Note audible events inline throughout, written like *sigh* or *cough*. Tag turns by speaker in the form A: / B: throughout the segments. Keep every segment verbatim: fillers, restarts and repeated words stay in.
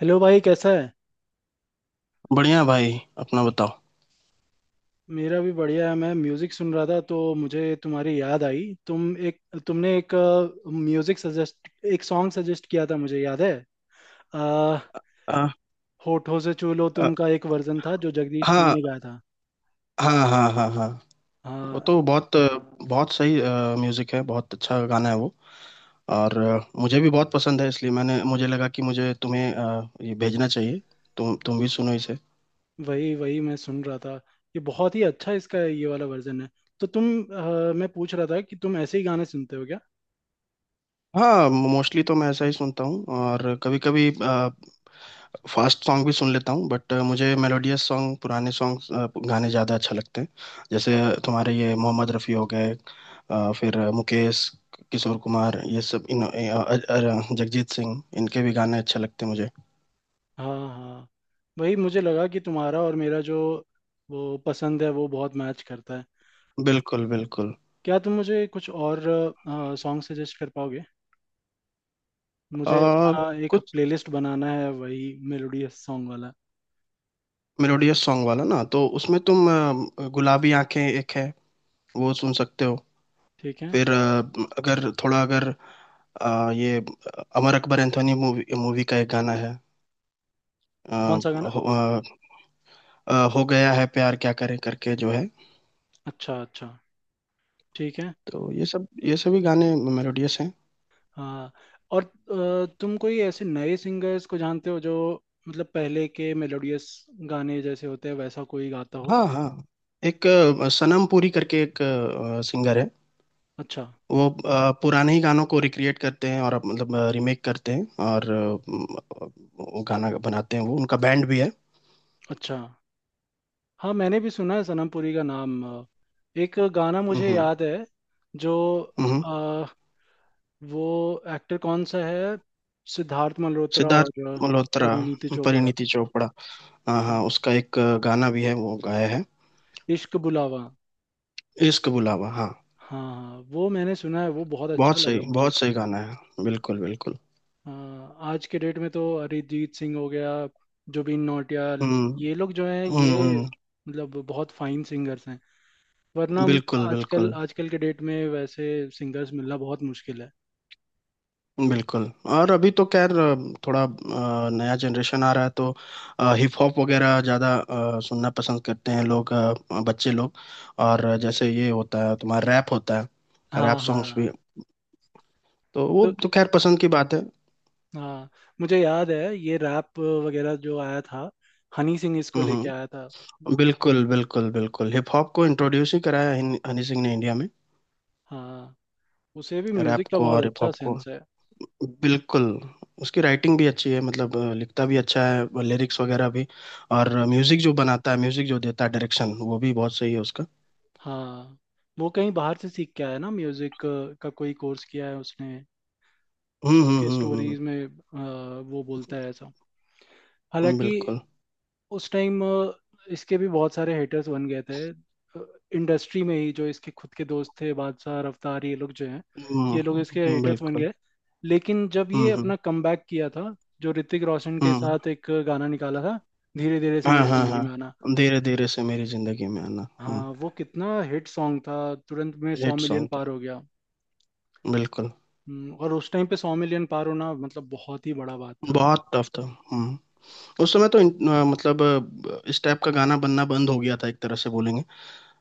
A: Hello भाई, कैसा है?
B: बढ़िया भाई। अपना बताओ।
A: मेरा भी बढ़िया है। मैं म्यूजिक सुन रहा था तो मुझे तुम्हारी याद आई। तुम एक तुमने एक म्यूजिक सजेस्ट एक सॉन्ग सजेस्ट किया था मुझे याद है। आ,
B: आ,
A: होठों से छू लो
B: आ,
A: तुम का एक वर्जन था जो जगजीत सिंह
B: हाँ
A: ने गाया था।
B: हाँ हाँ हाँ हाँ। वो
A: हाँ।
B: तो बहुत बहुत सही म्यूजिक है। बहुत अच्छा गाना है वो। और अ, मुझे भी बहुत पसंद है, इसलिए मैंने मुझे लगा कि मुझे तुम्हें अ, ये भेजना चाहिए। तुम तुम भी सुनो इसे।
A: वही वही मैं सुन रहा था। ये बहुत ही अच्छा इसका ये वाला वर्जन है। तो तुम अ, मैं पूछ रहा था कि तुम ऐसे ही गाने सुनते हो क्या?
B: हाँ, मोस्टली तो मैं ऐसा ही सुनता हूँ, और कभी कभी फास्ट सॉन्ग भी सुन लेता हूँ, बट मुझे मेलोडियस सॉन्ग, पुराने सॉन्ग, गाने ज़्यादा अच्छा लगते हैं। जैसे तुम्हारे ये मोहम्मद रफ़ी हो गए, अ, फिर मुकेश, किशोर कुमार, ये सब इन अ, अ, अ, जगजीत सिंह, इनके भी गाने अच्छे लगते हैं मुझे।
A: हाँ हाँ, वही मुझे लगा कि तुम्हारा और मेरा जो वो पसंद है वो बहुत मैच करता है।
B: बिल्कुल बिल्कुल।
A: क्या तुम मुझे कुछ और सॉन्ग सजेस्ट कर पाओगे? मुझे
B: आ,
A: अपना एक
B: कुछ
A: प्लेलिस्ट बनाना है, वही मेलोडियस सॉन्ग वाला।
B: मेलोडियस सॉन्ग वाला ना, तो उसमें तुम अ, गुलाबी आंखें एक है, वो सुन सकते हो।
A: ठीक है।
B: फिर अ, अगर थोड़ा, अगर आ, ये अमर अकबर एंथोनी मूवी मूवी का एक गाना है। आ,
A: कौन सा गाना?
B: हो, आ, आ, हो गया है प्यार क्या करें करके जो है,
A: अच्छा अच्छा। ठीक है।
B: तो ये सब, ये सभी गाने मेलोडियस हैं।
A: हाँ, और अ, तुम कोई ऐसे नए सिंगर्स को जानते हो जो, मतलब पहले के मेलोडियस गाने जैसे होते हैं वैसा कोई गाता हो?
B: हाँ हाँ। एक आ, सनम पुरी करके एक सिंगर है।
A: अच्छा
B: वो आ, पुराने ही गानों को रिक्रिएट करते हैं, और अब मतलब रिमेक करते हैं, और आ, वो गाना बनाते हैं, वो उनका बैंड भी है।
A: अच्छा। हाँ मैंने भी सुना है सनम पुरी का नाम। अ, एक गाना
B: हम्म
A: मुझे
B: हम्म
A: याद है जो,
B: हम्म।
A: अ, वो एक्टर कौन सा है, सिद्धार्थ मल्होत्रा
B: सिद्धार्थ
A: और अ,
B: मल्होत्रा।
A: परिणीति चोपड़ा।
B: परिणीति चोपड़ा। हाँ हाँ, उसका एक गाना भी है वो गाया है।
A: इश्क बुलावा,
B: इश्क बुलावा, हाँ।
A: हाँ हाँ, वो मैंने सुना है, वो बहुत अच्छा
B: बहुत सही,
A: लगा मुझे।
B: बहुत सही गाना है, बिल्कुल बिल्कुल।
A: हाँ, आज के डेट में तो अरिजीत सिंह हो गया, जुबिन नौटियाल,
B: हम्म
A: ये लोग जो हैं,
B: हम्म
A: ये
B: हम्म,
A: मतलब बहुत फाइन सिंगर्स हैं। वरना
B: बिल्कुल
A: आजकल
B: बिल्कुल
A: आजकल के डेट में वैसे सिंगर्स मिलना बहुत मुश्किल है।
B: बिल्कुल। और अभी तो खैर अ, थोड़ा अ, नया जनरेशन आ रहा है तो हिप हॉप वगैरह ज़्यादा सुनना पसंद करते हैं लोग, अ, बच्चे लोग। और जैसे ये होता है तुम्हारा रैप होता है,
A: हाँ
B: रैप सॉन्ग्स भी।
A: हाँ।
B: तो वो
A: तो,
B: तो खैर पसंद की बात है।
A: हाँ मुझे याद है ये रैप वगैरह जो आया था, हनी सिंह इसको
B: हम्म
A: लेके आया
B: हम्म,
A: था।
B: बिल्कुल बिल्कुल बिल्कुल। हिप हॉप को इंट्रोड्यूस ही कराया हनी हनी सिंह ने इंडिया में।
A: हाँ, उसे भी
B: रैप
A: म्यूजिक का
B: को
A: बहुत
B: और हिप
A: अच्छा
B: हॉप को।
A: सेंस है।
B: बिल्कुल। उसकी राइटिंग भी अच्छी है, मतलब अ, लिखता भी अच्छा है, लिरिक्स वगैरह भी। और म्यूजिक जो बनाता है, म्यूजिक जो देता है, डायरेक्शन वो भी बहुत सही है उसका।
A: हाँ, वो कहीं बाहर से सीख के आया ना, म्यूजिक का कोई कोर्स किया है उसने।
B: हम्म
A: उसके
B: हम्म हम्म हम्म,
A: स्टोरीज में आ, वो बोलता है ऐसा।
B: हम्म,
A: हालांकि
B: बिल्कुल।
A: उस टाइम इसके भी बहुत सारे हेटर्स बन गए थे इंडस्ट्री में ही, जो इसके खुद के दोस्त थे, बादशाह, रफ्तार, ये लोग जो हैं,
B: हम्म
A: ये लोग इसके
B: हम्म,
A: हेटर्स बन
B: बिल्कुल।
A: गए। लेकिन जब ये
B: हम्म हम्म
A: अपना कमबैक किया था, जो ऋतिक रोशन के
B: हम्म।
A: साथ एक गाना निकाला था, धीरे धीरे से
B: हाँ
A: मेरी
B: हाँ
A: जिंदगी में आना।
B: हाँ, धीरे धीरे से मेरी जिंदगी में आना। हम्म।
A: हाँ, वो कितना हिट सॉन्ग था, तुरंत में सौ
B: हिट
A: मिलियन
B: सॉन्ग
A: पार
B: था,
A: हो गया।
B: बिल्कुल।
A: हम्म, और उस टाइम पे सौ मिलियन पार होना मतलब बहुत ही बड़ा बात था वो।
B: बहुत टफ था। हम्म। उस समय तो इन- अ, मतलब अ, इस टाइप का गाना बनना बंद हो गया था एक तरह से बोलेंगे।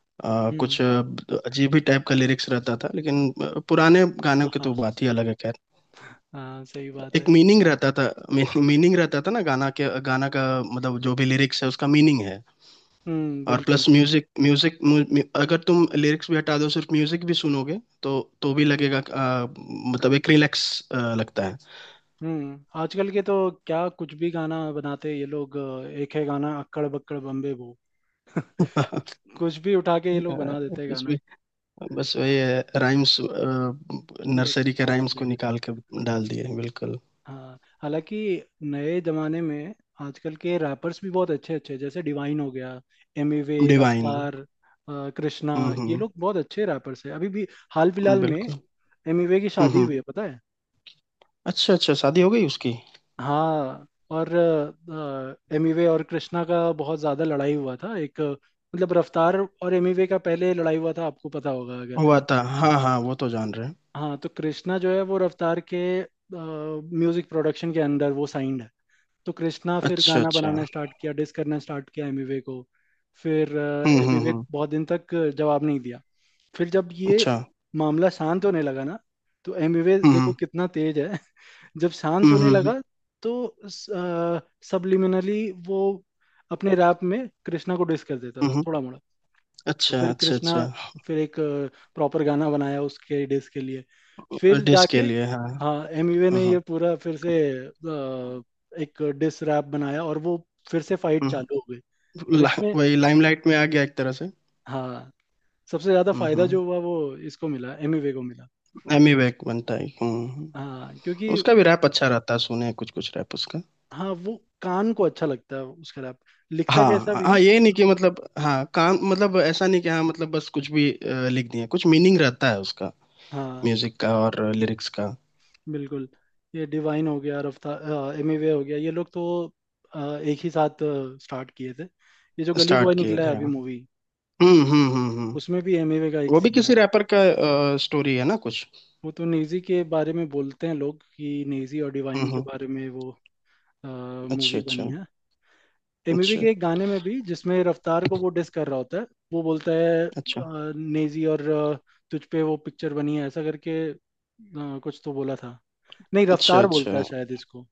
B: अ, कुछ
A: हम्म।
B: अ, अजीब ही टाइप का लिरिक्स रहता था, लेकिन अ, पुराने
A: *laughs*
B: गानों की
A: हाँ,
B: तो बात ही अलग है, खैर।
A: हाँ सही बात
B: एक
A: है।
B: मीनिंग रहता था। मीनिंग रहता था ना, गाना के, गाना का मतलब जो भी लिरिक्स है उसका मीनिंग है।
A: हम्म
B: और
A: बिल्कुल।
B: प्लस म्यूजिक म्यूजिक अगर तुम लिरिक्स भी हटा दो, सिर्फ म्यूजिक भी सुनोगे तो तो भी लगेगा अ, मतलब एक रिलैक्स लगता है।
A: हम्म, आजकल के तो क्या कुछ भी गाना बनाते हैं ये लोग। अ, एक है गाना अक्कड़ बक्कड़ बम्बे बो,
B: *laughs* अ,
A: कुछ भी उठा के ये लोग बना देते हैं
B: कुछ
A: गाना।
B: भी, बस
A: हाँ,
B: वही है। राइम्स,
A: बस
B: नर्सरी के
A: होना
B: राइम्स को
A: चाहिए।
B: निकाल के डाल दिए। बिल्कुल।
A: हाँ हालांकि नए जमाने में आजकल के रैपर्स भी बहुत अच्छे अच्छे हैं, जैसे डिवाइन हो गया, एमिवे,
B: डिवाइन।
A: रफ्तार, अ, कृष्णा,
B: हम्म
A: ये
B: हम्म।
A: लोग बहुत अच्छे रैपर्स हैं अभी भी, हाल फिलहाल में।
B: बिल्कुल।
A: एमिवे की
B: हम्म
A: शादी
B: हम्म।
A: हुई है पता है?
B: अच्छा अच्छा, शादी हो गई उसकी।
A: हाँ, और एमिवे और कृष्णा का बहुत ज्यादा लड़ाई हुआ था। एक अ, मतलब रफ्तार और एमिवे का पहले लड़ाई हुआ था आपको पता होगा अगर।
B: हुआ था हाँ हाँ, वो तो जान रहे हैं।
A: हाँ, तो कृष्णा जो है वो रफ्तार के म्यूजिक प्रोडक्शन के अंदर वो साइंड है। तो कृष्णा फिर
B: अच्छा
A: गाना
B: अच्छा।
A: बनाना स्टार्ट किया, डिस करना स्टार्ट किया एमिवे को। फिर
B: हम्म हम्म
A: एमिवे
B: हम्म।
A: बहुत दिन तक जवाब नहीं दिया। फिर जब ये
B: अच्छा।
A: मामला शांत होने लगा ना, तो एमिवे देखो
B: हम्म
A: कितना तेज है, जब शांत
B: हम्म हम्म
A: होने
B: हम्म हम्म,
A: लगा तो सबलिमिनली वो अपने रैप में कृष्णा को डिस कर देता
B: हम्म,
A: था,
B: हम्म।
A: थोड़ा मोड़ा। तो
B: अच्छा
A: फिर
B: अच्छा
A: कृष्णा
B: अच्छा।
A: फिर एक प्रॉपर गाना बनाया उसके डिस के लिए, फिर
B: डिस
A: जाके।
B: के लिए हाँ।
A: हाँ, एमवे
B: हम्म
A: ने ये
B: हम्म
A: पूरा फिर से अ, एक डिस रैप बनाया, और वो फिर से फाइट चालू हो
B: हम्म,
A: गई। और
B: ला-
A: इसमें,
B: वही लाइमलाइट में आ गया एक तरह से।
A: हाँ, सबसे ज्यादा
B: हम्म
A: फायदा
B: हम्म।
A: जो हुआ वो इसको मिला, एमवे को मिला।
B: एमी वैक बनता है। हम्म हम्म।
A: हाँ क्योंकि,
B: उसका भी रैप अच्छा रहता है, सुने हैं कुछ कुछ रैप उसका।
A: हाँ वो कान को अच्छा लगता है उसका रैप, लिखता कैसा
B: हाँ
A: भी
B: हाँ,
A: हो।
B: ये नहीं कि मतलब हाँ काम मतलब, ऐसा नहीं कि हाँ मतलब बस कुछ भी अ, लिख दिए, कुछ मीनिंग रहता है उसका
A: हाँ
B: म्यूजिक का और लिरिक्स का।
A: बिल्कुल। ये डिवाइन हो गया, रफ्तार, एमिवे हो गया, ये लोग तो अ, एक ही साथ स्टार्ट किए थे। ये जो गली बॉय
B: स्टार्ट किए
A: निकला है
B: थे हाँ।
A: अभी मूवी,
B: हम्म हम्म हम्म हम्म।
A: उसमें भी एमिवे का एक
B: वो भी
A: सीन है।
B: किसी रैपर का स्टोरी है ना कुछ।
A: वो तो नेजी के बारे में बोलते हैं लोग कि नेजी और
B: हम्म
A: डिवाइन के
B: हम्म,
A: बारे में वो
B: अच्छा
A: मूवी बनी
B: अच्छा
A: है। एमिवे
B: अच्छा।
A: के एक गाने में भी, जिसमें रफ्तार को वो डिस कर रहा होता है, वो बोलता है अ,
B: अच्छा
A: नेजी और अ, तुझ पे वो पिक्चर बनी है ऐसा करके, अ, कुछ तो बोला था। नहीं,
B: अच्छा
A: रफ्तार
B: अच्छा।
A: बोलता है शायद इसको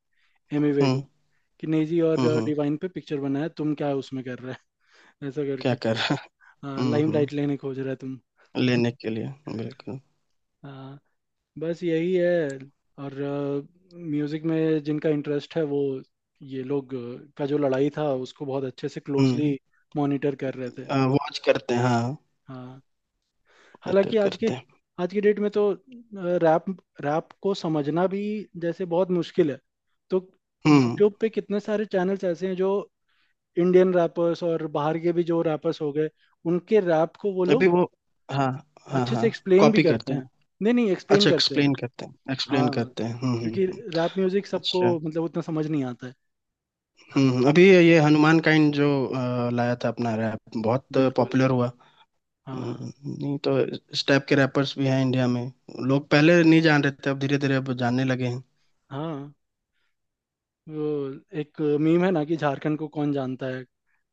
A: एमिवे,
B: हम्म
A: कि नेजी और
B: हम्म हम्म।
A: डिवाइन पे पिक्चर बना है तुम क्या उसमें कर रहे हैं? *laughs* ऐसा
B: क्या
A: करके।
B: कर रहा है?
A: हाँ,
B: हम्म हम्म,
A: लाइमलाइट लेने खोज रहे तुम।
B: लेने के लिए बिल्कुल।
A: हाँ, बस यही है। और म्यूजिक में जिनका इंटरेस्ट है वो, ये लोग अ, का जो लड़ाई था उसको बहुत अच्छे से क्लोजली
B: हम्म।
A: मॉनिटर कर रहे थे।
B: वॉच करते हैं हाँ।
A: हाँ
B: मीटर
A: हालांकि आज के
B: करते हैं।
A: आज की डेट में तो, रैप रैप को समझना भी जैसे बहुत मुश्किल है। तो
B: हम्म।
A: यूट्यूब पे कितने सारे चैनल्स ऐसे हैं जो इंडियन रैपर्स और बाहर के भी जो रैपर्स हो गए उनके रैप को वो लोग
B: अभी वो, हाँ हाँ
A: अच्छे
B: हाँ।
A: से एक्सप्लेन भी
B: कॉपी
A: करते
B: करते हैं।
A: हैं। नहीं नहीं, एक्सप्लेन
B: अच्छा,
A: करते हैं।
B: एक्सप्लेन करते हैं, एक्सप्लेन
A: हाँ
B: करते हैं। हम्म हम्म
A: क्योंकि
B: हम्म,
A: रैप म्यूजिक सबको
B: अच्छा।
A: मतलब उतना समझ नहीं आता है।
B: हम्म हम्म, अभी ये हनुमान काइंड जो अ, लाया था अपना रैप बहुत
A: बिल्कुल।
B: पॉपुलर हुआ।
A: हाँ हाँ
B: हम्म, नहीं तो इस टाइप के रैपर्स भी हैं इंडिया में, लोग पहले नहीं जान रहे थे, अब धीरे धीरे अब जानने लगे हैं।
A: हाँ। वो एक मीम है ना कि झारखंड को कौन जानता है,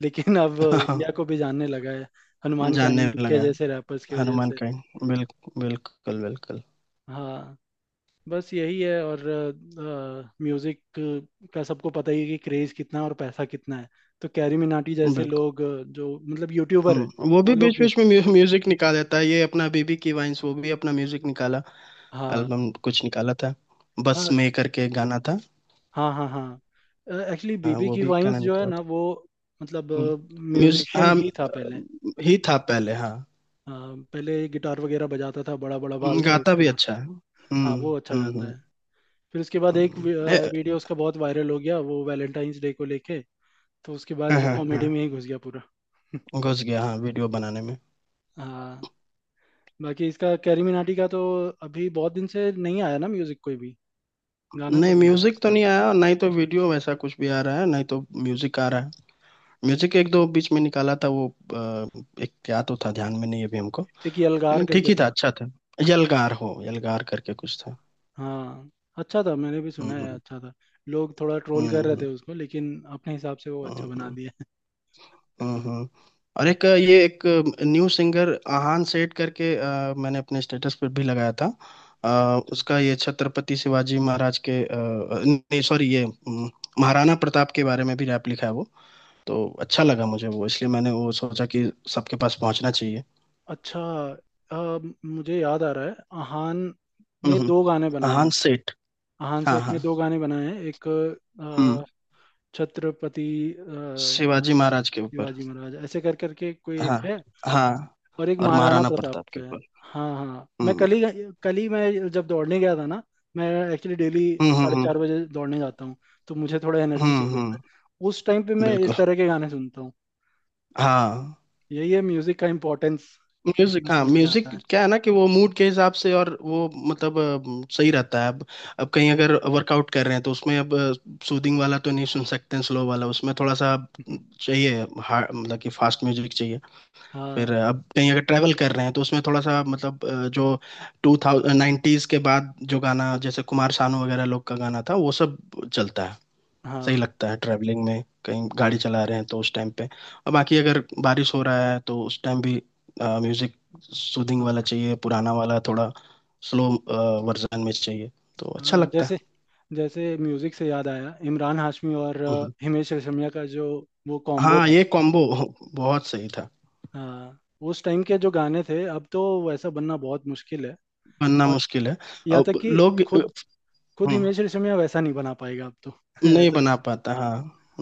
A: लेकिन अब
B: *laughs* हाँ।
A: इंडिया को भी जानने लगा है हनुमान
B: जानने
A: काइंड के
B: लगा है।
A: जैसे रैपर्स की वजह
B: हनुमान
A: से।
B: काइंड, बिल्कुल बिल्कुल बिल्कुल
A: हाँ, बस यही है। और म्यूजिक का सबको पता ही है कि क्रेज कितना है और पैसा कितना है। तो कैरी मिनाटी जैसे
B: बिल्कुल।
A: लोग अ, जो मतलब यूट्यूबर है,
B: हम्म, वो
A: वो
B: भी
A: लोग
B: बीच
A: भी।
B: बीच में म्यू, म्यूजिक निकाल देता है, ये अपना बीबी की वाइंस वो भी अपना म्यूजिक निकाला,
A: हाँ
B: एल्बम कुछ निकाला था, बस
A: हाँ
B: में करके एक गाना था।
A: हाँ हाँ हाँ। एक्चुअली
B: हाँ,
A: बीबी
B: वो
A: की
B: भी
A: वाइंस
B: गाना
A: जो है
B: निकाला
A: ना
B: था।
A: वो, मतलब
B: हम्म, म्यूज
A: म्यूजिशियन
B: हाँ
A: ही था पहले।
B: अ, ही था पहले, हाँ।
A: अ, पहले गिटार वगैरह बजाता था, बड़ा बड़ा बाल
B: हम्म,
A: था
B: गाता भी
A: उसका।
B: अच्छा है। हम्म
A: हाँ वो अच्छा
B: हम्म
A: गाता है।
B: हम्म
A: फिर उसके बाद एक
B: हम्म,
A: वी- अ,
B: ए-
A: वीडियो उसका बहुत वायरल हो गया, वो वैलेंटाइंस डे को लेके। तो उसके बाद
B: हाँ
A: वो
B: हाँ
A: कॉमेडी
B: हाँ।
A: में ही घुस गया पूरा। *laughs*
B: घुस गया हाँ, वीडियो बनाने में।
A: हाँ। बाकी इसका, कैरी मिनाटी का तो अभी बहुत दिन से नहीं आया ना म्यूजिक कोई भी, गाना
B: नहीं,
A: कोई नहीं आया
B: म्यूजिक तो
A: उसका।
B: नहीं आया, और ना ही तो वीडियो वैसा कुछ भी आ रहा है, ना ही तो म्यूजिक आ रहा है। म्यूजिक एक दो बीच में निकाला था, वो अ, एक क्या तो था, ध्यान में नहीं है अभी हमको।
A: एक ये अलगार
B: लेकिन ठीक
A: करके
B: ही था,
A: था।
B: अच्छा था। यलगार हो, यलगार करके कुछ था।
A: हाँ अच्छा था, मैंने भी
B: हम्म
A: सुना है
B: हम्म
A: अच्छा था। लोग थोड़ा ट्रोल कर रहे
B: हम्म
A: थे उसको, लेकिन अपने हिसाब से वो
B: हम्म
A: अच्छा बना
B: हम्म।
A: दिया।
B: हम्म, हम्म।
A: *laughs*
B: और
A: है।
B: एक ये एक न्यू सिंगर आहान सेठ करके अ, मैंने अपने स्टेटस पर भी लगाया था। अ,
A: अच्छा
B: उसका ये छत्रपति शिवाजी महाराज के अ, नहीं सॉरी ये अम, महाराणा प्रताप के बारे में भी रैप लिखा है वो। तो अच्छा लगा मुझे वो, इसलिए मैंने वो सोचा कि सबके पास पहुंचना चाहिए।
A: अच्छा। अ, मुझे याद आ रहा है। अहान ने
B: हम्म।
A: दो गाने बनाए
B: अहान
A: हैं।
B: सेठ।
A: अहान
B: हाँ
A: सेठ ने
B: हाँ।
A: दो गाने बनाए हैं। एक
B: हम्म।
A: अ, छत्रपति अ,
B: शिवाजी महाराज के ऊपर।
A: शिवाजी महाराज ऐसे कर करके कोई एक
B: हाँ
A: है,
B: हाँ।
A: और एक
B: और
A: महाराणा
B: महाराणा
A: प्रताप
B: प्रताप
A: पे
B: के
A: है।
B: ऊपर।
A: हाँ हाँ मैं
B: हम्म
A: कल ही, कल ही मैं जब दौड़ने गया था ना, मैं एक्चुअली डेली
B: हम्म हम्म
A: साढ़े
B: हम्म
A: चार बजे दौड़ने जाता हूँ, तो मुझे थोड़ा एनर्जी
B: हम्म,
A: चाहिए होता
B: हम्म,
A: है। उस टाइम पे मैं इस
B: बिल्कुल।
A: तरह के गाने सुनता हूँ।
B: हाँ
A: यही है म्यूजिक का इम्पोर्टेंस, इसी में
B: म्यूजिक, हाँ
A: समझ में
B: म्यूजिक
A: आता है।
B: क्या है ना, कि वो मूड के हिसाब से और वो मतलब अ, सही रहता है। अब अब कहीं अगर वर्कआउट कर रहे हैं तो उसमें अब सूदिंग वाला तो नहीं सुन सकते हैं, स्लो वाला, उसमें थोड़ा सा
A: *laughs*
B: चाहिए, हा- मतलब कि फास्ट म्यूजिक चाहिए। फिर
A: हाँ।
B: अब कहीं अगर ट्रैवल कर रहे हैं तो उसमें थोड़ा सा मतलब अ, जो टू थाउजेंड नाइन्टीज के बाद जो गाना, जैसे कुमार सानू वगैरह लोग का गाना था, वो सब चलता है, सही
A: हाँ
B: लगता है, ट्रैवलिंग में कहीं गाड़ी चला रहे हैं तो उस टाइम पे। और बाकी अगर बारिश हो रहा है तो उस टाइम भी म्यूजिक सूदिंग वाला
A: हाँ
B: चाहिए, पुराना वाला, थोड़ा स्लो वर्जन में चाहिए, तो अच्छा
A: हाँ
B: लगता है।
A: जैसे, जैसे म्यूजिक से याद आया, इमरान हाशमी और अ,
B: हम्म।
A: हिमेश रेशमिया का जो वो कॉम्बो
B: हाँ
A: था।
B: ये कॉम्बो *laughs* बहुत सही था।
A: हाँ, उस टाइम के जो गाने थे, अब तो वैसा बनना बहुत मुश्किल है।
B: बनना
A: और
B: मुश्किल है,
A: यहाँ तक
B: अब
A: कि
B: लोग।
A: खुद खुद
B: हम्म।
A: हिमेश रेशमिया वैसा नहीं बना पाएगा अब तो। *laughs*
B: नहीं
A: ऐसा।
B: बना पाता, हाँ,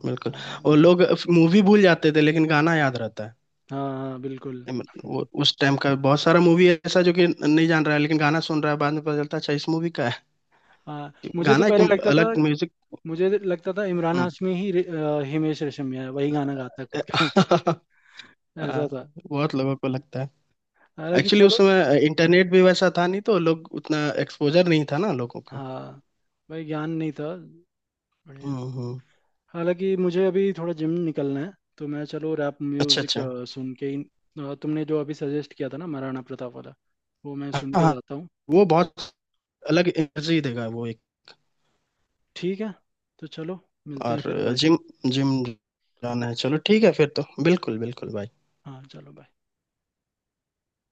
B: बिल्कुल। वो
A: हाँ
B: लोग मूवी भूल जाते थे लेकिन गाना याद रहता है।
A: हाँ हाँ, बिल्कुल।
B: वो उस टाइम का बहुत सारा मूवी ऐसा जो कि नहीं जान रहा है, लेकिन गाना सुन रहा है बाद में, पता चलता है अच्छा इस मूवी का है।
A: हाँ मुझे तो
B: गाना एक
A: पहले लगता था,
B: अलग म्यूजिक।
A: मुझे लगता था इमरान
B: हम्म।
A: हाशमी ही रे- अ, हिमेश रेशमिया है, वही गाना गाता है खुद का।
B: *laughs*
A: *laughs* ऐसा था।
B: हाँ, बहुत लोगों को लगता है।
A: हालांकि
B: एक्चुअली उस
A: चलो।
B: समय इंटरनेट भी वैसा था नहीं, तो लोग उतना एक्सपोजर नहीं था ना लोगों को।
A: हाँ भाई ज्ञान नहीं था।
B: हम्म
A: बढ़िया।
B: हम्म।
A: हालांकि मुझे अभी थोड़ा जिम निकलना है, तो मैं चलो रैप
B: अच्छा
A: म्यूजिक
B: अच्छा,
A: अ, सुन के ही, अ, तुमने जो अभी सजेस्ट किया था ना, महाराणा प्रताप वाला, वो मैं
B: हाँ
A: सुन के
B: हाँ,
A: जाता हूँ।
B: वो बहुत अलग एनर्जी देगा वो।
A: ठीक है, तो चलो मिलते हैं
B: और
A: फिर, बाय।
B: जिम जिम जाना है चलो, ठीक है फिर तो, बिल्कुल बिल्कुल भाई।
A: हाँ चलो, बाय।